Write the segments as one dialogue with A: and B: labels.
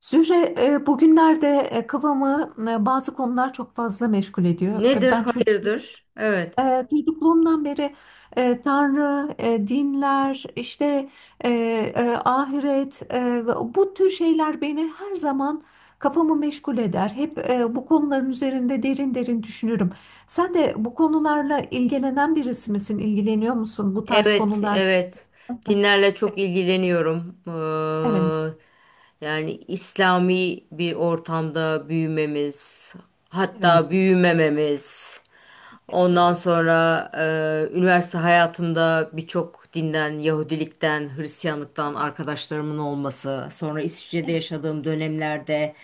A: Zühre, bugünlerde kafamı bazı konular çok fazla meşgul ediyor.
B: Nedir
A: Ben
B: hayırdır? Evet.
A: çocukluğumdan beri Tanrı, dinler, işte e, ahiret, bu tür şeyler beni her zaman kafamı meşgul eder. Hep bu konuların üzerinde derin derin düşünürüm. Sen de bu konularla ilgilenen birisi misin? İlgileniyor musun bu tarz
B: Evet,
A: konular?
B: evet. Dinlerle çok
A: Evet,
B: ilgileniyorum.
A: evet.
B: Yani İslami bir ortamda büyümemiz, hatta büyümememiz. Ondan
A: Evet.
B: sonra üniversite hayatımda birçok dinden, Yahudilikten, Hristiyanlıktan arkadaşlarımın olması. Sonra İsviçre'de
A: Evet,
B: yaşadığım dönemlerde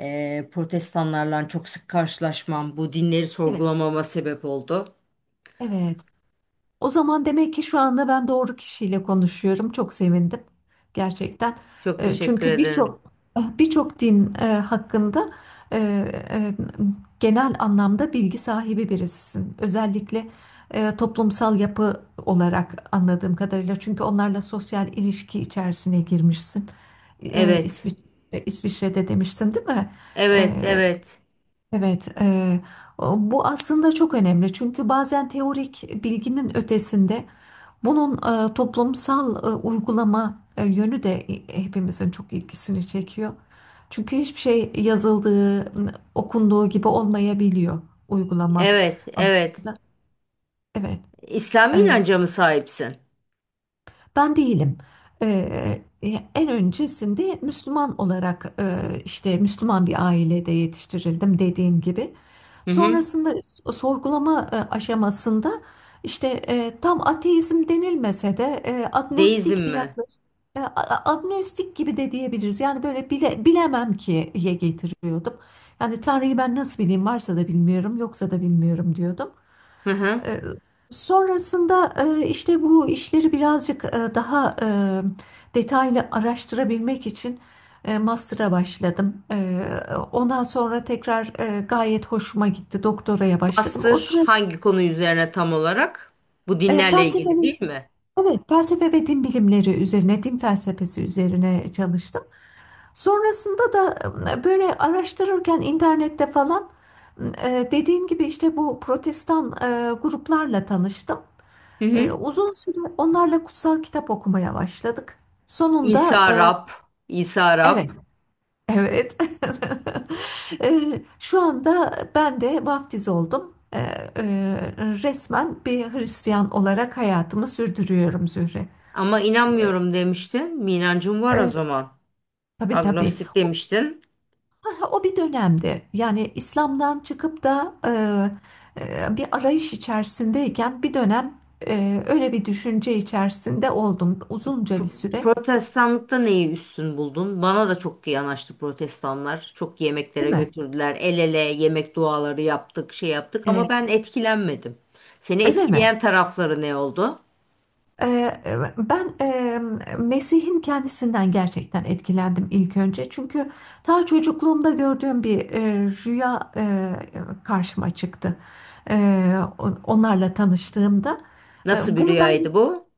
B: protestanlarla çok sık karşılaşmam bu dinleri
A: evet,
B: sorgulamama sebep oldu.
A: evet. O zaman demek ki şu anda ben doğru kişiyle konuşuyorum. Çok sevindim gerçekten.
B: Çok teşekkür
A: Çünkü
B: ederim.
A: birçok din hakkında e, e, genel anlamda bilgi sahibi birisisin. Özellikle toplumsal yapı olarak anladığım kadarıyla. Çünkü onlarla sosyal ilişki içerisine girmişsin. E,
B: Evet,
A: İsvi- İsviçre'de demiştin, değil mi?
B: evet,
A: E,
B: evet,
A: Evet, bu aslında çok önemli çünkü bazen teorik bilginin ötesinde bunun toplumsal uygulama yönü de hepimizin çok ilgisini çekiyor. Çünkü hiçbir şey yazıldığı, okunduğu gibi olmayabiliyor uygulama
B: evet, evet.
A: anlamında. Evet,
B: İslami inanca mı sahipsin?
A: Ben değilim. Ee, e, En öncesinde Müslüman olarak işte Müslüman bir ailede yetiştirildim dediğim gibi.
B: Hı hı.
A: Sonrasında sorgulama aşamasında işte tam ateizm denilmese de
B: Deizm
A: agnostik bir
B: mi?
A: yaklaşım. Agnostik gibi de diyebiliriz. Yani böyle bilemem ki'ye getiriyordum. Yani Tanrı'yı ben nasıl bileyim varsa da bilmiyorum yoksa da bilmiyorum diyordum.
B: Hı hı.
A: E, Sonrasında işte bu işleri birazcık daha detaylı araştırabilmek için master'a başladım. Ondan sonra tekrar gayet hoşuma gitti. Doktoraya başladım. O
B: Master
A: sırada
B: hangi konu üzerine tam olarak? Bu
A: e,
B: dinlerle
A: felsefe,
B: ilgili değil mi?
A: evet, felsefe ve din bilimleri üzerine, din felsefesi üzerine çalıştım. Sonrasında da böyle araştırırken internette falan dediğim gibi işte bu protestan gruplarla tanıştım.
B: Hı hı.
A: Uzun süre onlarla kutsal kitap okumaya başladık. Sonunda
B: İsa Rab, İsa Rab.
A: evet, evet. Şu anda ben de vaftiz oldum. E, Resmen bir Hristiyan olarak hayatımı sürdürüyorum Zühre.
B: Ama inanmıyorum demiştin. Bir inancın var o
A: Evet.
B: zaman.
A: Tabii tabii.
B: Agnostik demiştin.
A: O bir dönemdi. Yani İslam'dan çıkıp da e, bir arayış içerisindeyken bir dönem öyle bir düşünce içerisinde oldum. Uzunca bir süre,
B: Protestanlıkta neyi üstün buldun? Bana da çok yanaştı protestanlar. Çok
A: değil
B: yemeklere
A: mi?
B: götürdüler. El ele yemek duaları yaptık, şey yaptık ama
A: Evet.
B: ben etkilenmedim. Seni
A: Öyle mi?
B: etkileyen tarafları ne oldu?
A: Ee, Ben Mesih'in kendisinden gerçekten etkilendim ilk önce. Çünkü daha çocukluğumda gördüğüm bir rüya karşıma çıktı. E, Onlarla tanıştığımda.
B: Nasıl bir
A: Bunu ben
B: rüyaydı bu?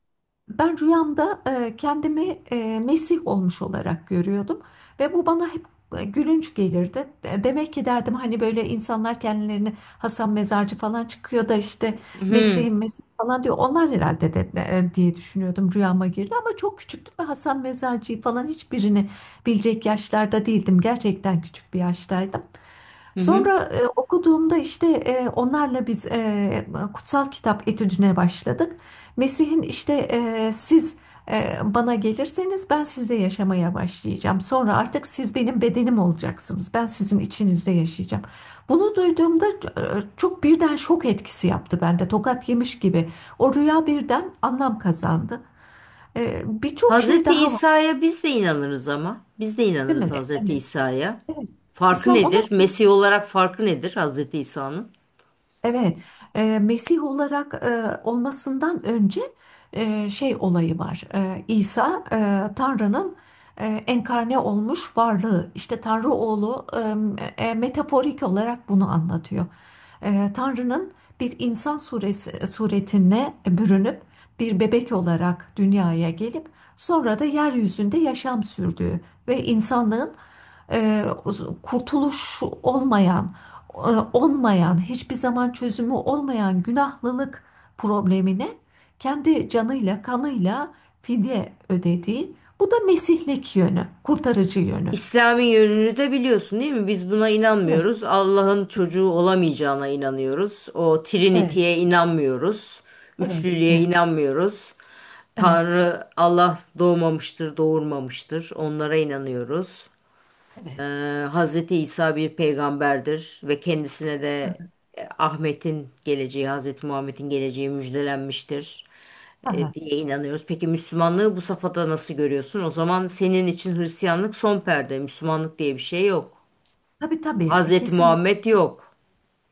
A: ben rüyamda kendimi Mesih olmuş olarak görüyordum ve bu bana hep gülünç gelirdi. Demek ki derdim hani böyle insanlar kendilerini Hasan Mezarcı falan çıkıyor da işte
B: Hı hı.
A: Mesih'im Mesih falan diyor. Onlar herhalde de diye düşünüyordum rüyama girdi ama çok küçüktüm ve Hasan Mezarcı'yı falan hiçbirini bilecek yaşlarda değildim. Gerçekten küçük bir yaştaydım.
B: Hı.
A: Sonra okuduğumda işte onlarla biz kutsal kitap etüdüne başladık. Mesih'in işte siz bana gelirseniz ben size yaşamaya başlayacağım. Sonra artık siz benim bedenim olacaksınız. Ben sizin içinizde yaşayacağım. Bunu duyduğumda çok birden şok etkisi yaptı bende. Tokat yemiş gibi. O rüya birden anlam kazandı. Birçok şey
B: Hazreti
A: daha var,
B: İsa'ya biz de inanırız ama. Biz de
A: değil mi?
B: inanırız Hazreti
A: Evet.
B: İsa'ya.
A: Evet.
B: Farkı
A: İslam ona.
B: nedir? Mesih olarak farkı nedir Hazreti İsa'nın?
A: Evet, Mesih olarak olmasından önce şey olayı var. İsa Tanrı'nın enkarne olmuş varlığı. İşte Tanrı oğlu metaforik olarak bunu anlatıyor. Tanrı'nın bir insan suretine bürünüp bir bebek olarak dünyaya gelip sonra da yeryüzünde yaşam sürdüğü ve insanlığın e, kurtuluş olmayan e, olmayan, hiçbir zaman çözümü olmayan günahlılık problemine kendi canıyla, kanıyla fidye ödediği, bu da mesihlik yönü, kurtarıcı yönü.
B: İslami yönünü de biliyorsun değil mi? Biz buna
A: Evet,
B: inanmıyoruz. Allah'ın çocuğu olamayacağına inanıyoruz. O
A: evet,
B: Trinity'ye inanmıyoruz.
A: evet,
B: Üçlülüğe
A: evet,
B: inanmıyoruz.
A: evet,
B: Tanrı Allah doğmamıştır, doğurmamıştır. Onlara inanıyoruz.
A: evet.
B: Hazreti İsa bir peygamberdir ve kendisine de Ahmet'in geleceği, Hazreti Muhammed'in geleceği müjdelenmiştir
A: Aha.
B: diye inanıyoruz. Peki Müslümanlığı bu safhada nasıl görüyorsun? O zaman senin için Hristiyanlık son perde, Müslümanlık diye bir şey yok.
A: Tabii tabii,
B: Hazreti
A: kesinlikle.
B: Muhammed yok.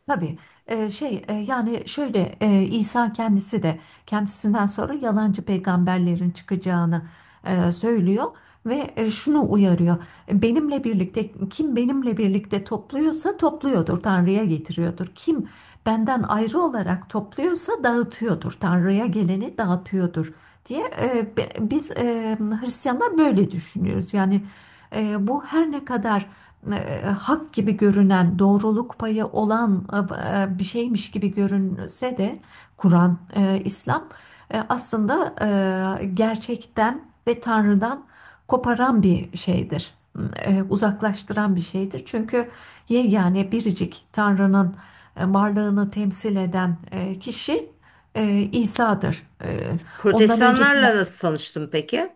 A: Tabii yani şöyle İsa kendisi de kendisinden sonra yalancı peygamberlerin çıkacağını söylüyor ve şunu uyarıyor. Benimle birlikte kim benimle birlikte topluyorsa topluyordur Tanrı'ya getiriyordur. Kim benden ayrı olarak topluyorsa dağıtıyordur Tanrı'ya geleni dağıtıyordur diye biz Hristiyanlar böyle düşünüyoruz. Yani bu her ne kadar hak gibi görünen, doğruluk payı olan bir şeymiş gibi görünse de Kur'an, İslam aslında gerçekten ve Tanrı'dan koparan bir şeydir. Uzaklaştıran bir şeydir. Çünkü yegane biricik Tanrı'nın varlığını temsil eden kişi İsa'dır. Ondan önceki
B: Protestanlarla nasıl tanıştın peki?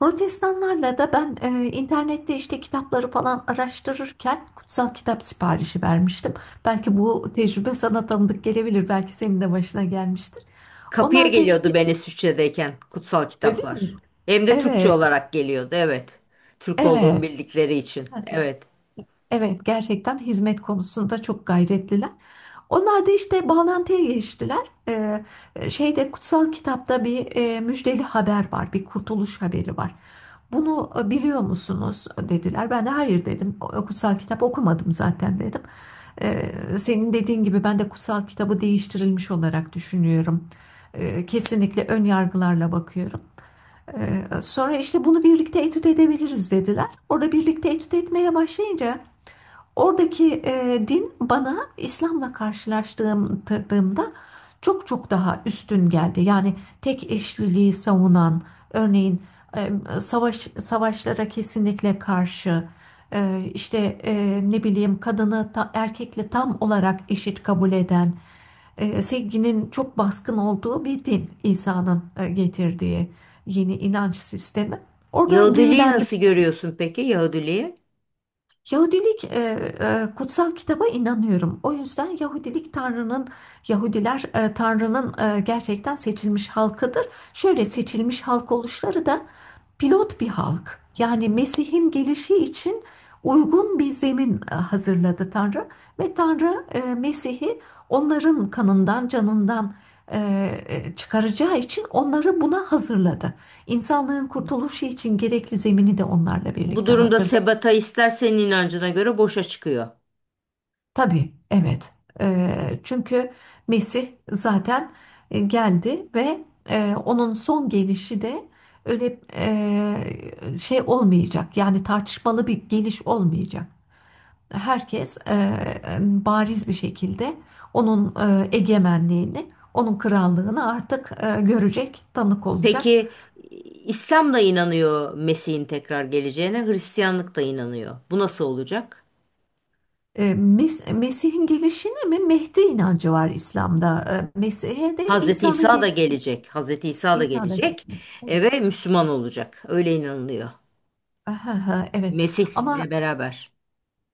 A: Protestanlarla da ben internette işte kitapları falan araştırırken kutsal kitap siparişi vermiştim. Belki bu tecrübe sana tanıdık gelebilir. Belki senin de başına gelmiştir.
B: Kapıya
A: Onlar da işte.
B: geliyordu ben İsviçre'deyken kutsal
A: Öyle mi?
B: kitaplar. Hem de Türkçe
A: Evet,
B: olarak geliyordu, evet. Türk olduğumu
A: evet.
B: bildikleri için, evet.
A: Evet, gerçekten hizmet konusunda çok gayretliler. Onlar da işte bağlantıya geçtiler. Şeyde Kutsal kitapta bir müjdeli haber var, bir kurtuluş haberi var. Bunu biliyor musunuz dediler. Ben de hayır dedim. Kutsal kitap okumadım zaten dedim. Ee, Senin dediğin gibi ben de kutsal kitabı değiştirilmiş olarak düşünüyorum. Kesinlikle ön yargılarla bakıyorum. Sonra işte bunu birlikte etüt edebiliriz dediler. Orada birlikte etüt etmeye başlayınca oradaki din bana İslam'la karşılaştırdığımda çok çok daha üstün geldi. Yani tek eşliliği savunan, örneğin e, savaşlara kesinlikle karşı, işte ne bileyim kadını erkekle tam olarak eşit kabul eden, sevginin çok baskın olduğu bir din İsa'nın getirdiği yeni inanç sistemi. Orada
B: Yahudiliği
A: büyülendim.
B: nasıl görüyorsun peki Yahudiliği?
A: Yahudilik. Kutsal kitaba inanıyorum. O yüzden Yahudiler Tanrı'nın gerçekten seçilmiş halkıdır. Şöyle seçilmiş halk oluşları da pilot bir halk. Yani Mesih'in gelişi için uygun bir zemin hazırladı Tanrı ve Tanrı Mesih'i onların kanından, canından e, çıkaracağı için onları buna hazırladı. İnsanlığın kurtuluşu için gerekli zemini de onlarla
B: Bu
A: birlikte
B: durumda
A: hazırladı.
B: sebata ister senin inancına göre boşa çıkıyor.
A: Tabii, evet. Çünkü Mesih zaten geldi ve onun son gelişi de öyle olmayacak. Yani tartışmalı bir geliş olmayacak. Herkes bariz bir şekilde onun egemenliğini, onun krallığını artık görecek, tanık olacak.
B: Peki İslam da inanıyor Mesih'in tekrar geleceğine, Hristiyanlık da inanıyor. Bu nasıl olacak?
A: Mesih'in gelişine mi? Mehdi inancı var İslam'da. Mesih'e de
B: Hazreti İsa da gelecek. Hazreti İsa da
A: İsa'da.
B: gelecek ve Müslüman olacak. Öyle inanılıyor.
A: Ahaha, evet
B: Mesih'le
A: ama
B: beraber.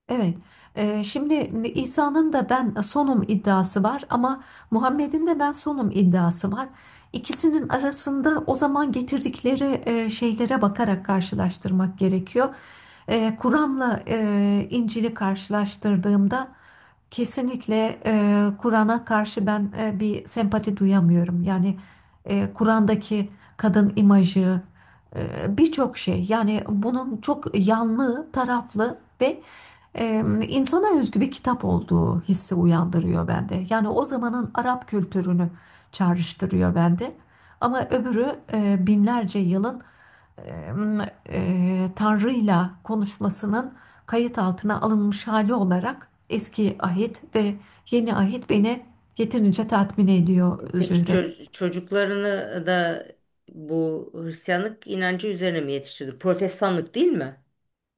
A: evet. Şimdi İsa'nın da ben sonum iddiası var ama Muhammed'in de ben sonum iddiası var. İkisinin arasında o zaman getirdikleri şeylere bakarak karşılaştırmak gerekiyor. Kur'an'la İncil'i karşılaştırdığımda kesinlikle Kur'an'a karşı ben bir sempati duyamıyorum. Yani Kur'an'daki kadın imajı, e, birçok şey. Yani bunun çok yanlı, taraflı ve insana özgü bir kitap olduğu hissi uyandırıyor bende. Yani o zamanın Arap kültürünü çağrıştırıyor bende. Ama öbürü, binlerce yılın em, Tanrı'yla konuşmasının kayıt altına alınmış hali olarak eski ahit ve yeni ahit beni yeterince tatmin ediyor
B: Peki
A: Zühre.
B: çocuklarını da bu Hristiyanlık inancı üzerine mi yetiştirdi? Protestanlık değil mi?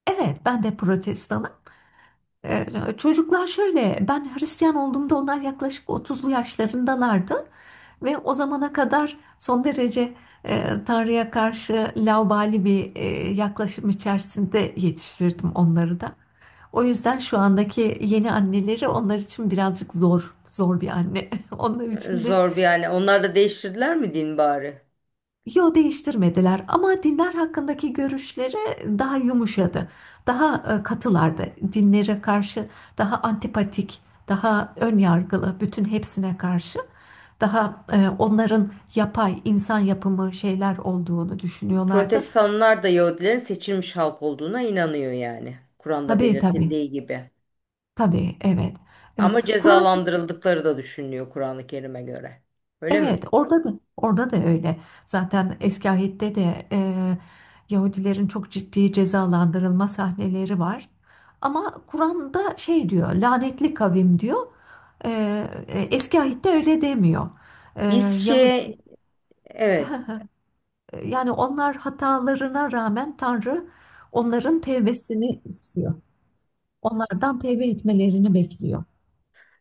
A: Evet, ben de protestanım. Ee, Çocuklar şöyle, ben Hristiyan olduğumda onlar yaklaşık otuzlu yaşlarındalardı ve o zamana kadar son derece Tanrı'ya karşı laubali bir yaklaşım içerisinde yetiştirdim onları da. O yüzden şu andaki yeni anneleri onlar için birazcık zor, zor bir anne. Onlar için de.
B: Zor bir yani. Onlar da değiştirdiler mi din bari?
A: Yo, değiştirmediler ama dinler hakkındaki görüşleri daha yumuşadı. Daha katılardı. Dinlere karşı daha antipatik, daha ön yargılı, bütün hepsine karşı daha onların yapay insan yapımı şeyler olduğunu düşünüyorlardı.
B: Protestanlar da Yahudilerin seçilmiş halk olduğuna inanıyor yani. Kur'an'da
A: Tabii tabii.
B: belirtildiği gibi.
A: Tabii evet. Evet.
B: Ama
A: Kur'an.
B: cezalandırıldıkları da düşünülüyor Kur'an-ı Kerim'e göre. Öyle mi?
A: Evet, orada da öyle. Zaten eski ahit'te de Yahudilerin çok ciddi cezalandırılma sahneleri var. Ama Kur'an'da şey diyor, lanetli kavim diyor. E, Eski ahit'te öyle demiyor. E,
B: Biz
A: Yahudi,
B: şey, evet.
A: Yani onlar hatalarına rağmen Tanrı onların tevbesini istiyor. Onlardan tevbe etmelerini bekliyor.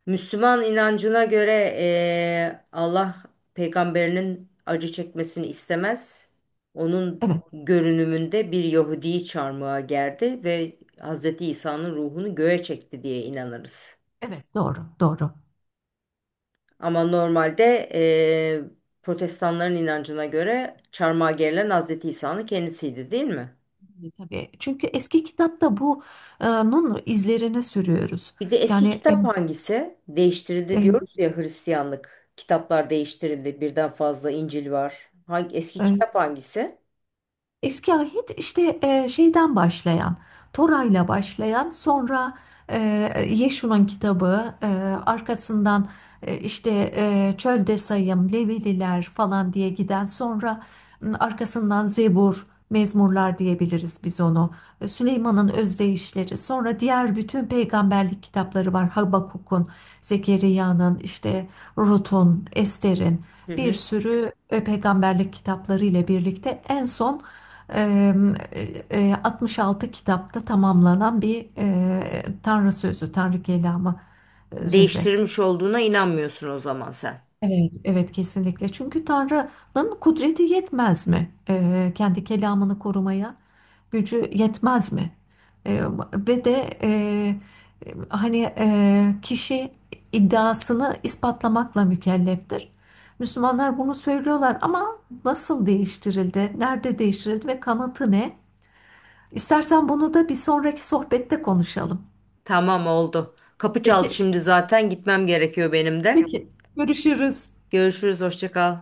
B: Müslüman inancına göre Allah peygamberinin acı çekmesini istemez. Onun
A: Evet,
B: görünümünde bir Yahudi'yi çarmıha gerdi ve Hz. İsa'nın ruhunu göğe çekti diye inanırız.
A: evet doğru, doğru.
B: Ama normalde eee, protestanların inancına göre çarmıha gerilen Hazreti İsa'nın kendisiydi değil mi?
A: Tabii. Çünkü eski kitapta bunun izlerine sürüyoruz.
B: Bir de eski
A: Yani
B: kitap hangisi? Değiştirildi
A: e,
B: diyoruz ya Hristiyanlık. Kitaplar değiştirildi. Birden fazla İncil var. Hangi, eski
A: e,
B: kitap hangisi?
A: eski ahit işte Toray'la başlayan, sonra e, Yeşu'nun kitabı, arkasından e, işte Çölde Sayım, Levililer falan diye giden, sonra arkasından Zebur, Mezmurlar diyebiliriz biz onu. Süleyman'ın özdeyişleri, sonra diğer bütün peygamberlik kitapları var. Habakuk'un, Zekeriya'nın, işte Rut'un, Ester'in
B: Hı
A: bir
B: hı.
A: sürü peygamberlik kitapları ile birlikte en son Eee, 66 kitapta tamamlanan bir Tanrı sözü, Tanrı kelamı Zühre.
B: Değiştirilmiş olduğuna inanmıyorsun o zaman sen.
A: Evet. Evet kesinlikle. Çünkü Tanrı'nın kudreti yetmez mi? Kendi kelamını korumaya gücü yetmez mi? Eee, Ve de hani kişi iddiasını ispatlamakla mükelleftir. Müslümanlar bunu söylüyorlar ama nasıl değiştirildi? Nerede değiştirildi ve kanıtı ne? İstersen bunu da bir sonraki sohbette konuşalım.
B: Tamam oldu. Kapı çaldı
A: Peki,
B: şimdi zaten gitmem gerekiyor benim de.
A: peki. Görüşürüz.
B: Görüşürüz, hoşça kal.